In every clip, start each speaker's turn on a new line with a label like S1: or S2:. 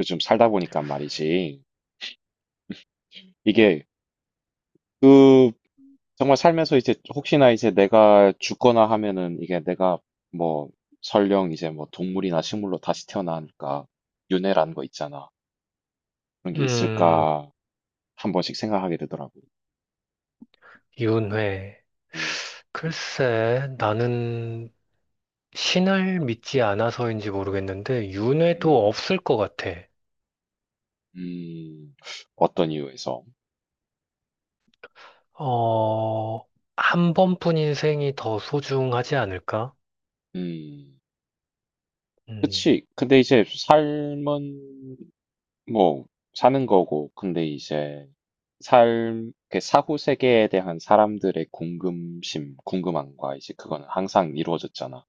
S1: 요즘 살다 보니까 말이지. 이게 그 정말 살면서 이제 혹시나 이제 내가 죽거나 하면은 이게 내가 뭐 설령 이제 뭐 동물이나 식물로 다시 태어나니까 윤회라는 거 있잖아. 그런 게
S2: 음,
S1: 있을까 한 번씩 생각하게 되더라고.
S2: 윤회.
S1: 음.
S2: 글쎄, 나는 신을 믿지 않아서인지 모르겠는데,
S1: 음.
S2: 윤회도 없을 것 같아.
S1: 음. 어떤 이유에서?
S2: 어, 한 번뿐 인생이 더 소중하지 않을까?
S1: 음.
S2: 음,
S1: 그치. 근데 이제 삶은 뭐 사는 거고 근데 이제 삶 그 사후 세계에 대한 사람들의 궁금심, 궁금함과 이제 그거는 항상 이루어졌잖아.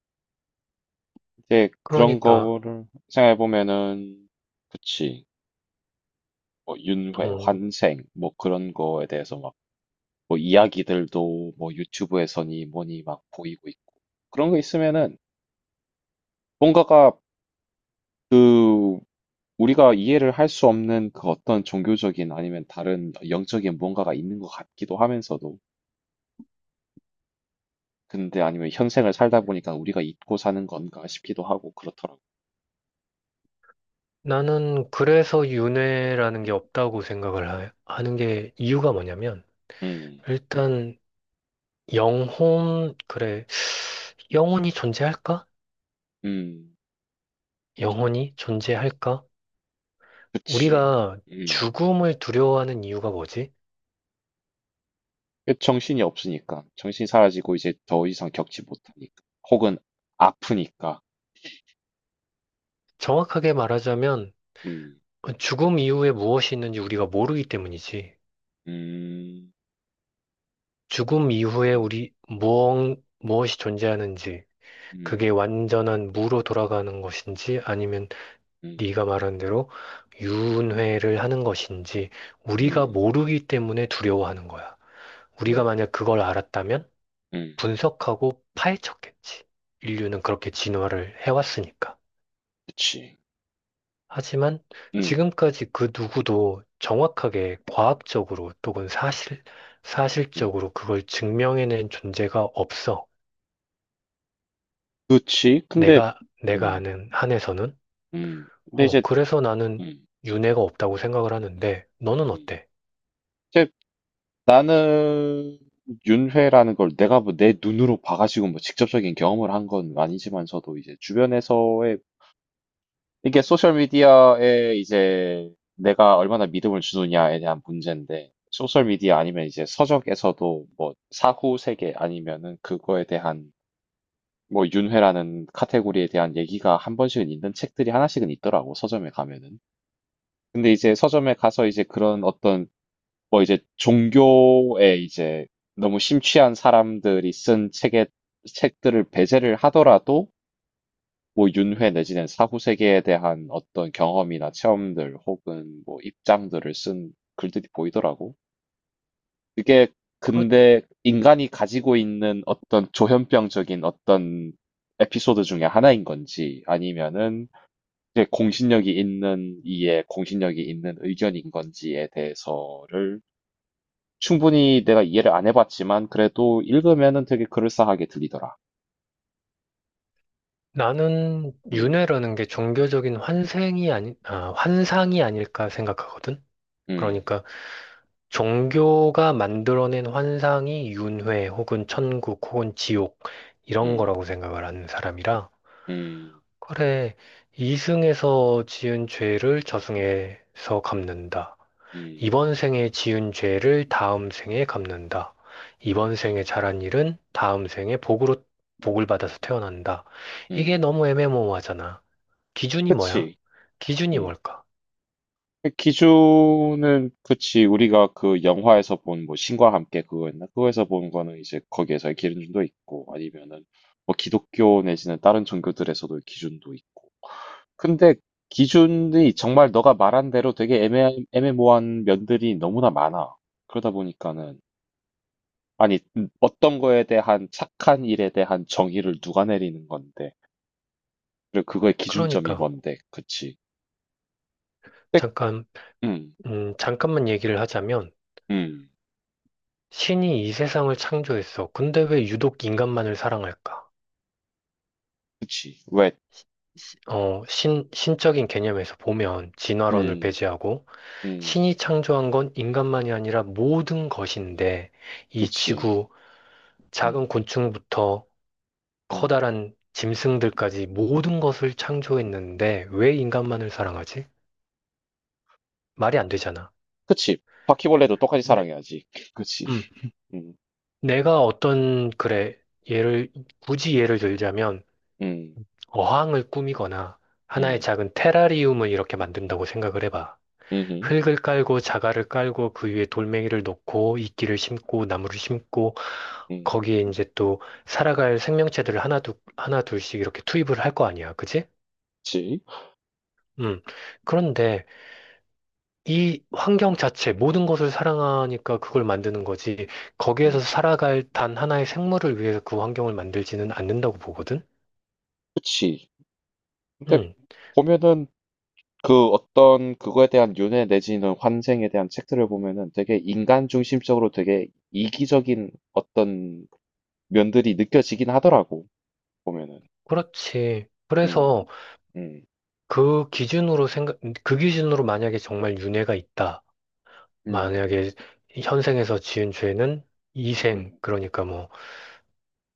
S1: 이제 그런
S2: 그러니까,
S1: 거를 생각해 보면은 그치. 뭐 윤회,
S2: 음,
S1: 환생 뭐 그런 거에 대해서 막 뭐 이야기들도 뭐 유튜브에서니 뭐니 막 보이고 있고 그런 거 있으면은 뭔가가 그 우리가 이해를 할 수 없는 그 어떤 종교적인 아니면 다른 영적인 뭔가가 있는 것 같기도 하면서도 근데 아니면 현생을 살다 보니까 '우리가 잊고 사는 건가?' 싶기도 하고 그렇더라고.
S2: 나는 그래서 윤회라는 게 없다고 생각을 하는 게 이유가 뭐냐면,
S1: 음.
S2: 일단, 영혼, 그래, 영혼이 존재할까?
S1: 음.
S2: 영혼이 존재할까?
S1: 그치.
S2: 우리가
S1: 음.
S2: 죽음을 두려워하는 이유가 뭐지?
S1: 그 정신이 없으니까. 정신이 사라지고 이제 더 이상 겪지 못하니까. 혹은 아프니까.
S2: 정확하게 말하자면
S1: 음.
S2: 그 죽음 이후에 무엇이 있는지 우리가 모르기 때문이지.
S1: 음.
S2: 죽음 이후에
S1: 음.
S2: 우리 무엇이 존재하는지, 그게
S1: 음.
S2: 완전한 무로 돌아가는 것인지 아니면
S1: 음.
S2: 네가 말한 대로 유은회를 하는 것인지 우리가
S1: 음.
S2: 모르기 때문에 두려워하는 거야. 우리가
S1: 음.
S2: 만약 그걸 알았다면
S1: 음.
S2: 분석하고 파헤쳤겠지. 인류는 그렇게 진화를 해왔으니까.
S1: 그치.
S2: 하지만
S1: 음.
S2: 지금까지 그 누구도 정확하게 과학적으로 또는
S1: 음.
S2: 사실적으로 그걸 증명해낸 존재가 없어.
S1: 그치. 근데.
S2: 내가, 내가
S1: 음.
S2: 아는 한에서는.
S1: 음. 근데 이제.
S2: 그래서 나는
S1: 음.
S2: 윤회가 없다고 생각을
S1: 음.
S2: 하는데, 너는
S1: 음.
S2: 어때?
S1: 이제 나는 윤회라는 걸 내가 뭐 내 눈으로 봐가지고 뭐 직접적인 경험을 한 건 아니지만서도 이제 주변에서의 이게 소셜 미디어에 이제 내가 얼마나 믿음을 주느냐에 대한 문제인데 소셜 미디어 아니면 이제 서적에서도 뭐 사후 세계 아니면은 그거에 대한 뭐 윤회라는 카테고리에 대한 얘기가 한 번씩은 있는 책들이 하나씩은 있더라고 서점에 가면은. 근데 이제 서점에 가서 이제 그런 어떤 뭐 이제 종교에 이제 너무 심취한 사람들이 쓴 책의 책들을 배제를 하더라도 뭐 윤회 내지는 사후 세계에 대한 어떤 경험이나 체험들 혹은 뭐 입장들을 쓴 글들이 보이더라고. 그게
S2: 그렇,
S1: 근데 인간이 가지고 있는 어떤 조현병적인 어떤 에피소드 중에 하나인 건지 아니면은 이제 공신력이 있는 의견인 건지에 대해서를 충분히 내가 이해를 안 해 봤지만 그래도 읽으면은 되게 그럴싸하게 들리더라.
S2: 나는
S1: 음.
S2: 윤회라는 게 종교적인 환생이 아니, 아, 환상이 아닐까 생각하거든?
S1: 음.
S2: 그러니까 종교가 만들어낸 환상이 윤회 혹은 천국 혹은 지옥 이런
S1: 음.
S2: 거라고 생각을 하는 사람이라.
S1: 음.
S2: 그래, 이승에서 지은 죄를 저승에서 갚는다.
S1: 음.
S2: 이번 생에 지은 죄를 다음 생에 갚는다. 이번 생에 잘한 일은 다음 생에 복으로 복을 받아서 태어난다. 이게
S1: 음.
S2: 너무 애매모호하잖아. 기준이 뭐야?
S1: 그치.
S2: 기준이
S1: 음.
S2: 뭘까?
S1: 그 기준은 그치. 우리가 그 영화에서 본 뭐 신과 함께 그거였나? 그거에서 본 거는 이제 거기에서의 기준도 있고 아니면은 뭐 기독교 내지는 다른 종교들에서도 기준도 있고. 근데 기준이 정말 너가 말한 대로 되게 애매모호한 면들이 너무나 많아. 그러다 보니까는 아니, 어떤 거에 대한 착한 일에 대한 정의를 누가 내리는 건데, 그리고 그거의 기준점이
S2: 그러니까
S1: 뭔데, 그치? 백.
S2: 잠깐
S1: 음.
S2: 잠깐만 얘기를 하자면
S1: 음.
S2: 신이 이 세상을 창조했어. 근데 왜 유독 인간만을 사랑할까?
S1: 그치. 왜.
S2: 신적인 개념에서 보면 진화론을
S1: 음.
S2: 배제하고
S1: 음.
S2: 신이 창조한 건 인간만이 아니라 모든 것인데 이
S1: 그치.
S2: 지구, 작은
S1: 음.
S2: 곤충부터
S1: 음.
S2: 커다란 짐승들까지 모든 것을 창조했는데 왜 인간만을 사랑하지? 말이 안 되잖아.
S1: 그치. 바퀴벌레도 똑같이
S2: 네.
S1: 사랑해야지. 그치.
S2: 음,
S1: 음.
S2: 내가 어떤, 그래, 예를, 굳이 예를 들자면
S1: 음.
S2: 어항을 꾸미거나 하나의
S1: 음.
S2: 작은 테라리움을 이렇게 만든다고 생각을 해봐.
S1: 음.
S2: 흙을 깔고 자갈을 깔고 그 위에 돌멩이를 놓고 이끼를 심고 나무를 심고
S1: 음.
S2: 거기에 이제 또 살아갈 생명체들을 하나 둘 하나 둘씩 이렇게 투입을 할 거 아니야. 그지?
S1: 그치.
S2: 음. 그런데 이 환경 자체 모든 것을 사랑하니까 그걸 만드는 거지. 거기에서
S1: 음.
S2: 살아갈 단 하나의 생물을 위해서 그 환경을 만들지는 않는다고 보거든.
S1: 그치. 근데
S2: 음.
S1: 보면은 그 어떤 그거에 대한 윤회 내지는 환생에 대한 책들을 보면은 되게 인간 중심적으로 되게 이기적인 어떤 면들이 느껴지긴 하더라고, 보면은.
S2: 그렇지.
S1: 음.
S2: 그래서
S1: 음.
S2: 그 기준으로 생각, 그 기준으로 만약에 정말 윤회가 있다.
S1: 음.
S2: 만약에 현생에서 지은 죄는 이생,
S1: 음.
S2: 그러니까 뭐,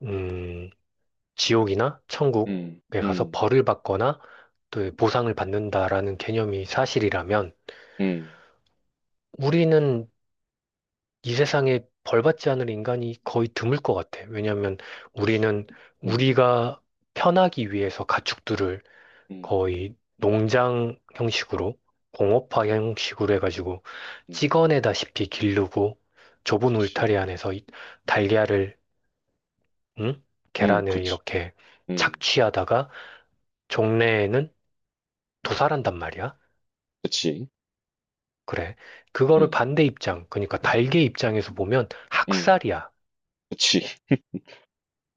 S2: 음, 지옥이나
S1: 음.
S2: 천국에 가서
S1: 음.
S2: 벌을 받거나 또 보상을 받는다라는 개념이 사실이라면
S1: 음.
S2: 우리는 이 세상에 벌 받지 않을 인간이 거의 드물 것 같아. 왜냐하면 우리는
S1: 음.
S2: 우리가 편하기 위해서 가축들을
S1: 음.
S2: 거의 농장 형식으로 공업화 형식으로 해가지고
S1: 음.
S2: 찍어내다시피 기르고 좁은
S1: 그치.
S2: 울타리 안에서 이 달걀을 응?
S1: 음.
S2: 계란을
S1: 그치.
S2: 이렇게
S1: 음.
S2: 착취하다가 종래에는 도살한단 말이야.
S1: 그치.
S2: 그래. 그거를
S1: 음.
S2: 반대 입장, 그러니까 달걀 입장에서 보면
S1: 음.
S2: 학살이야.
S1: 그치.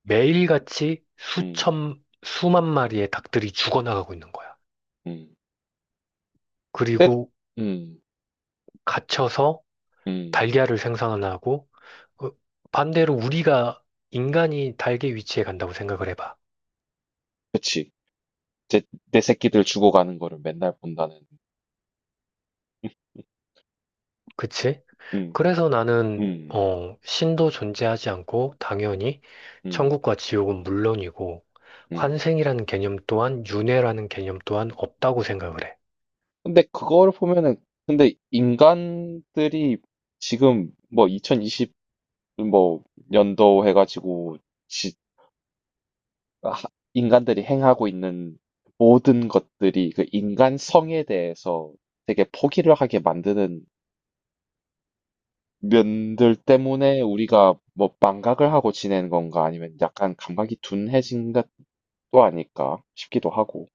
S2: 매일같이
S1: 음.
S2: 수천, 수만 마리의 닭들이 죽어나가고 있는 거야.
S1: 음. 근데.
S2: 그리고
S1: 음.
S2: 갇혀서
S1: 음.
S2: 달걀을 생산을 하고 어, 반대로 우리가 인간이 달걀 위치에 간다고 생각을 해봐.
S1: 그치. 제. 내 새끼들 죽어가는 거를 맨날 본다는.
S2: 그치?
S1: 음.
S2: 그래서 나는
S1: 음.
S2: 신도 존재하지 않고 당연히
S1: 음.
S2: 천국과 지옥은 물론이고
S1: 음.
S2: 환생이라는 개념 또한 윤회라는 개념 또한 없다고 생각을 해.
S1: 근데 그거를 보면은 근데 인간들이 지금 뭐 2020 뭐 연도 해가지고 지- 하- 인간들이 행하고 있는 모든 것들이 그 인간성에 대해서 되게 포기를 하게 만드는 면들 때문에 우리가 뭐 망각을 하고 지내는 건가 아니면 약간 감각이 둔해진 것도 아닐까 싶기도 하고.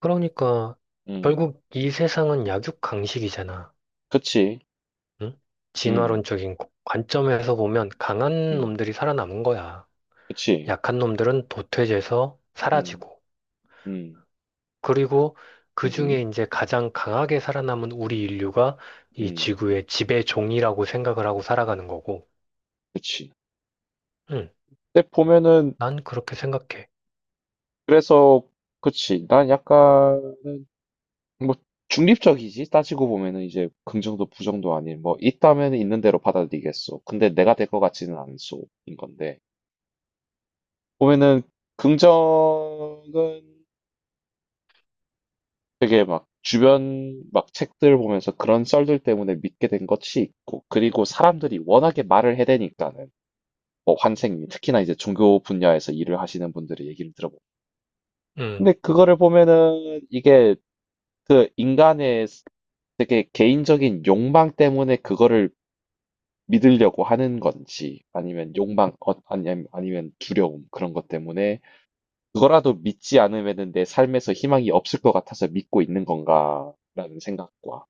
S2: 그러니까
S1: 음.
S2: 결국 이 세상은 약육강식이잖아.
S1: 그치.
S2: 응?
S1: 음.
S2: 진화론적인 관점에서 보면 강한
S1: 음.
S2: 놈들이 살아남은 거야.
S1: 그치.
S2: 약한 놈들은 도태돼서
S1: 음.
S2: 사라지고.
S1: 음.
S2: 그리고 그
S1: 음음.
S2: 중에 이제 가장 강하게 살아남은 우리 인류가 이
S1: 음.
S2: 지구의 지배종이라고 생각을 하고 살아가는 거고,
S1: 그치.
S2: 응,
S1: 근데 보면은
S2: 난 그렇게 생각해.
S1: 그래서 그치. 난 약간 뭐 중립적이지. 따지고 보면은 이제 긍정도 부정도 아닌 뭐 있다면 있는 대로 받아들이겠소. 근데 내가 될 것 같지는 않소인 건데. 보면은 긍정은 되게 막 주변 막 책들 보면서 그런 썰들 때문에 믿게 된 것이 있고 그리고 사람들이 워낙에 말을 해대니까는 뭐 환생 특히나 이제 종교 분야에서 일을 하시는 분들의 얘기를 들어보면
S2: 응,
S1: 근데 그거를 보면은 이게 그 인간의 되게 개인적인 욕망 때문에 그거를 믿으려고 하는 건지 아니면 욕망 아니면 두려움 그런 것 때문에 그거라도 믿지 않으면은 내 삶에서 희망이 없을 것 같아서 믿고 있는 건가라는 생각과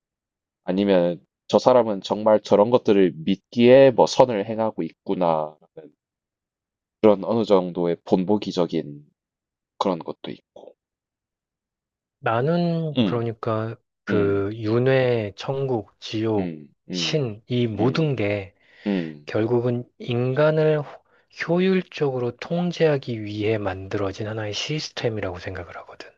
S1: 아니면 저 사람은 정말 저런 것들을 믿기에 뭐 선을 행하고 있구나 그런 어느 정도의 본보기적인 그런 것도 있고.
S2: 나는
S1: 음.
S2: 그러니까
S1: 음.
S2: 그 윤회, 천국, 지옥,
S1: 음. 음.
S2: 신, 이
S1: 음.
S2: 모든 게
S1: 음.
S2: 결국은 인간을 효율적으로 통제하기 위해 만들어진 하나의 시스템이라고 생각을 하거든.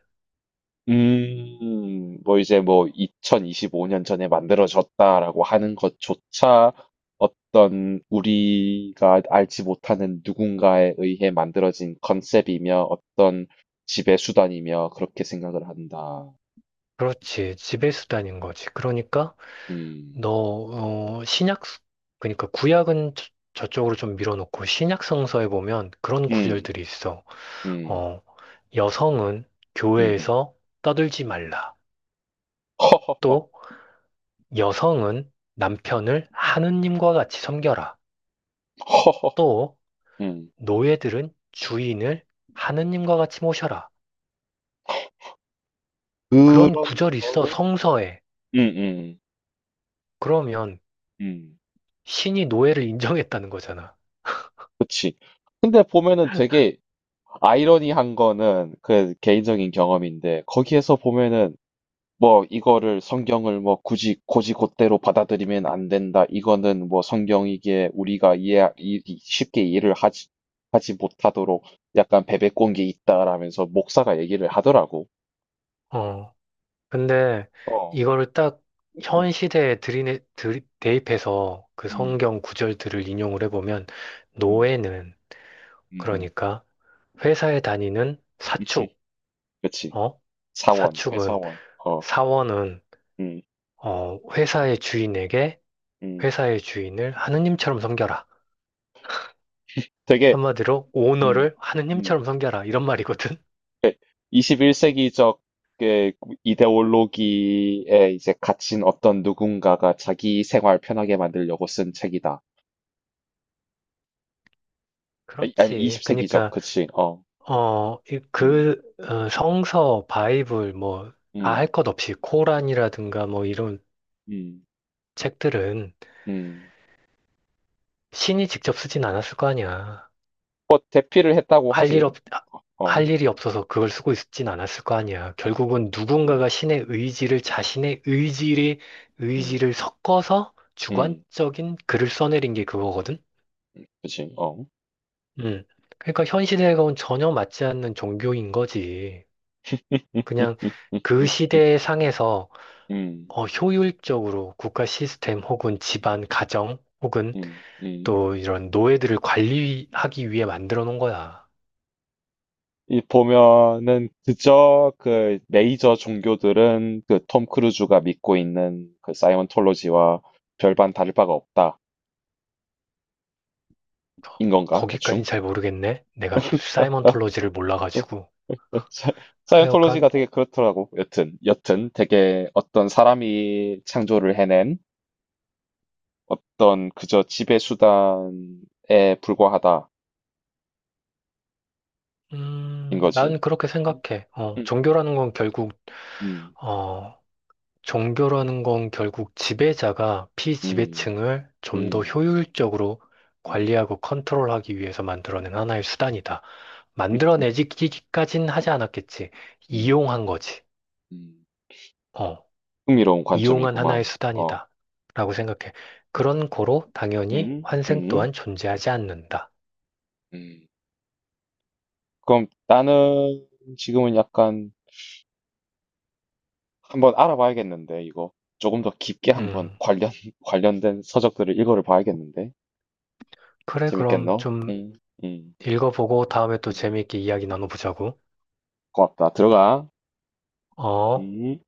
S1: 음. 뭐 이제 뭐 2025년 전에 만들어졌다라고 하는 것조차 어떤 우리가 알지 못하는 누군가에 의해 만들어진 컨셉이며 어떤 지배 수단이며 그렇게 생각을 한다.
S2: 그렇지, 지배수단인 거지. 그러니까 너,
S1: 음.
S2: 어, 신약, 그러니까 구약은 저쪽으로 좀 밀어놓고 신약 성서에 보면 그런
S1: 음.
S2: 구절들이 있어.
S1: 음.
S2: 어, 여성은
S1: 음.
S2: 교회에서 떠들지 말라.
S1: 허.
S2: 또 여성은 남편을 하느님과 같이 섬겨라.
S1: 허.
S2: 또
S1: 음.
S2: 노예들은 주인을 하느님과 같이 모셔라. 그런
S1: 그런
S2: 구절이 있어,
S1: 거를.
S2: 성서에.
S1: 음. 음.
S2: 그러면
S1: 음.
S2: 신이 노예를 인정했다는 거잖아.
S1: 그치. 근데 보면은 되게 아이러니한 거는 그 개인적인 경험인데 거기에서 보면은 뭐 이거를 성경을 뭐 굳이 곧이곧대로 받아들이면 안 된다. 이거는 뭐 성경이기에 우리가 쉽게 이해를 하지 못하도록 약간 베베꼰 게 있다라면서 목사가 얘기를 하더라고.
S2: 어. 근데
S1: 어.
S2: 이거를 딱
S1: 음.
S2: 현 시대에 대입해서 그
S1: 음.
S2: 성경 구절들을 인용을 해보면
S1: 음.
S2: 노예는
S1: 음.
S2: 그러니까 회사에 다니는 사축,
S1: 그치.
S2: 어?
S1: 사원,
S2: 사축은
S1: 회사원. 어.
S2: 사원은
S1: 음.
S2: 어, 회사의 주인에게
S1: 음.
S2: 회사의 주인을 하느님처럼 섬겨라.
S1: 되게.
S2: 한마디로
S1: 음.
S2: 오너를
S1: 음.
S2: 하느님처럼 섬겨라 이런 말이거든.
S1: 21세기적의 이데올로기에 이제 갇힌 어떤 누군가가 자기 생활 편하게 만들려고 쓴 책이다. 아니, 아니
S2: 그렇지.
S1: 20세기적,
S2: 그러니까
S1: 그치, 어. 음.
S2: 성서, 바이블 뭐 다 할
S1: 음.
S2: 것 없이 코란이라든가 뭐 이런
S1: 음.
S2: 책들은
S1: 음.
S2: 신이 직접 쓰진 않았을 거 아니야.
S1: 뭐, 대피를 했다고
S2: 할 일
S1: 하지.
S2: 없, 아,
S1: 어.
S2: 할 일이 없어서 그걸 쓰고 있진 않았을 거 아니야. 결국은
S1: 그치.
S2: 누군가가 신의 의지를 자신의 의지를,
S1: 음.
S2: 의지를 섞어서
S1: 음.
S2: 주관적인 글을 써내린 게 그거거든?
S1: 그치. 어.
S2: 음. 그러니까 현 시대하고는 전혀 맞지 않는 종교인 거지. 그냥 그 시대의 상에서
S1: 음.
S2: 효율적으로 국가 시스템 혹은 집안, 가정 혹은
S1: 음. 음.
S2: 또 이런 노예들을 관리하기 위해 만들어 놓은 거야.
S1: 이 보면은 그저 그 메이저 종교들은 그 톰 크루즈가 믿고 있는 그 사이언톨로지와 별반 다를 바가 없다. 인 건가? 대충?
S2: 거기까진 잘 모르겠네. 내가 사이먼톨로지를 몰라가지고.
S1: 사-
S2: 하여간,
S1: 사이언톨로지가 되게 그렇더라고. 여튼, 여튼 되게 어떤 사람이 창조를 해낸 어떤 그저 지배 수단에 불과하다. 인 거지.
S2: 난 그렇게 생각해.
S1: 음. 음.
S2: 어, 종교라는 건 결국 지배자가
S1: 음.
S2: 피지배층을
S1: 음.
S2: 좀 더
S1: 음.
S2: 효율적으로
S1: 음.
S2: 관리하고 컨트롤하기 위해서 만들어낸 하나의 수단이다.
S1: 음.
S2: 만들어내기까진 하지 않았겠지.
S1: 음.
S2: 이용한 거지.
S1: 음.
S2: 어,
S1: 흥미로운
S2: 이용한 하나의
S1: 관점이구만. 어.
S2: 수단이다. 라고 생각해.
S1: 음.
S2: 그런 거로 당연히
S1: 음.
S2: 환생
S1: 음.
S2: 또한 존재하지 않는다.
S1: 음. 그럼 나는 지금은 약간 한번 알아봐야겠는데 이거 조금 더 깊게 한번
S2: 음.
S1: 관련 관련된 서적들을 읽어를 봐야겠는데
S2: 그래, 그럼
S1: 재밌겠노?
S2: 좀
S1: 음. 음.
S2: 읽어보고 다음에 또
S1: 음.
S2: 재미있게 이야기 나눠보자고.
S1: 고맙다. 들어가.
S2: 어?
S1: 음.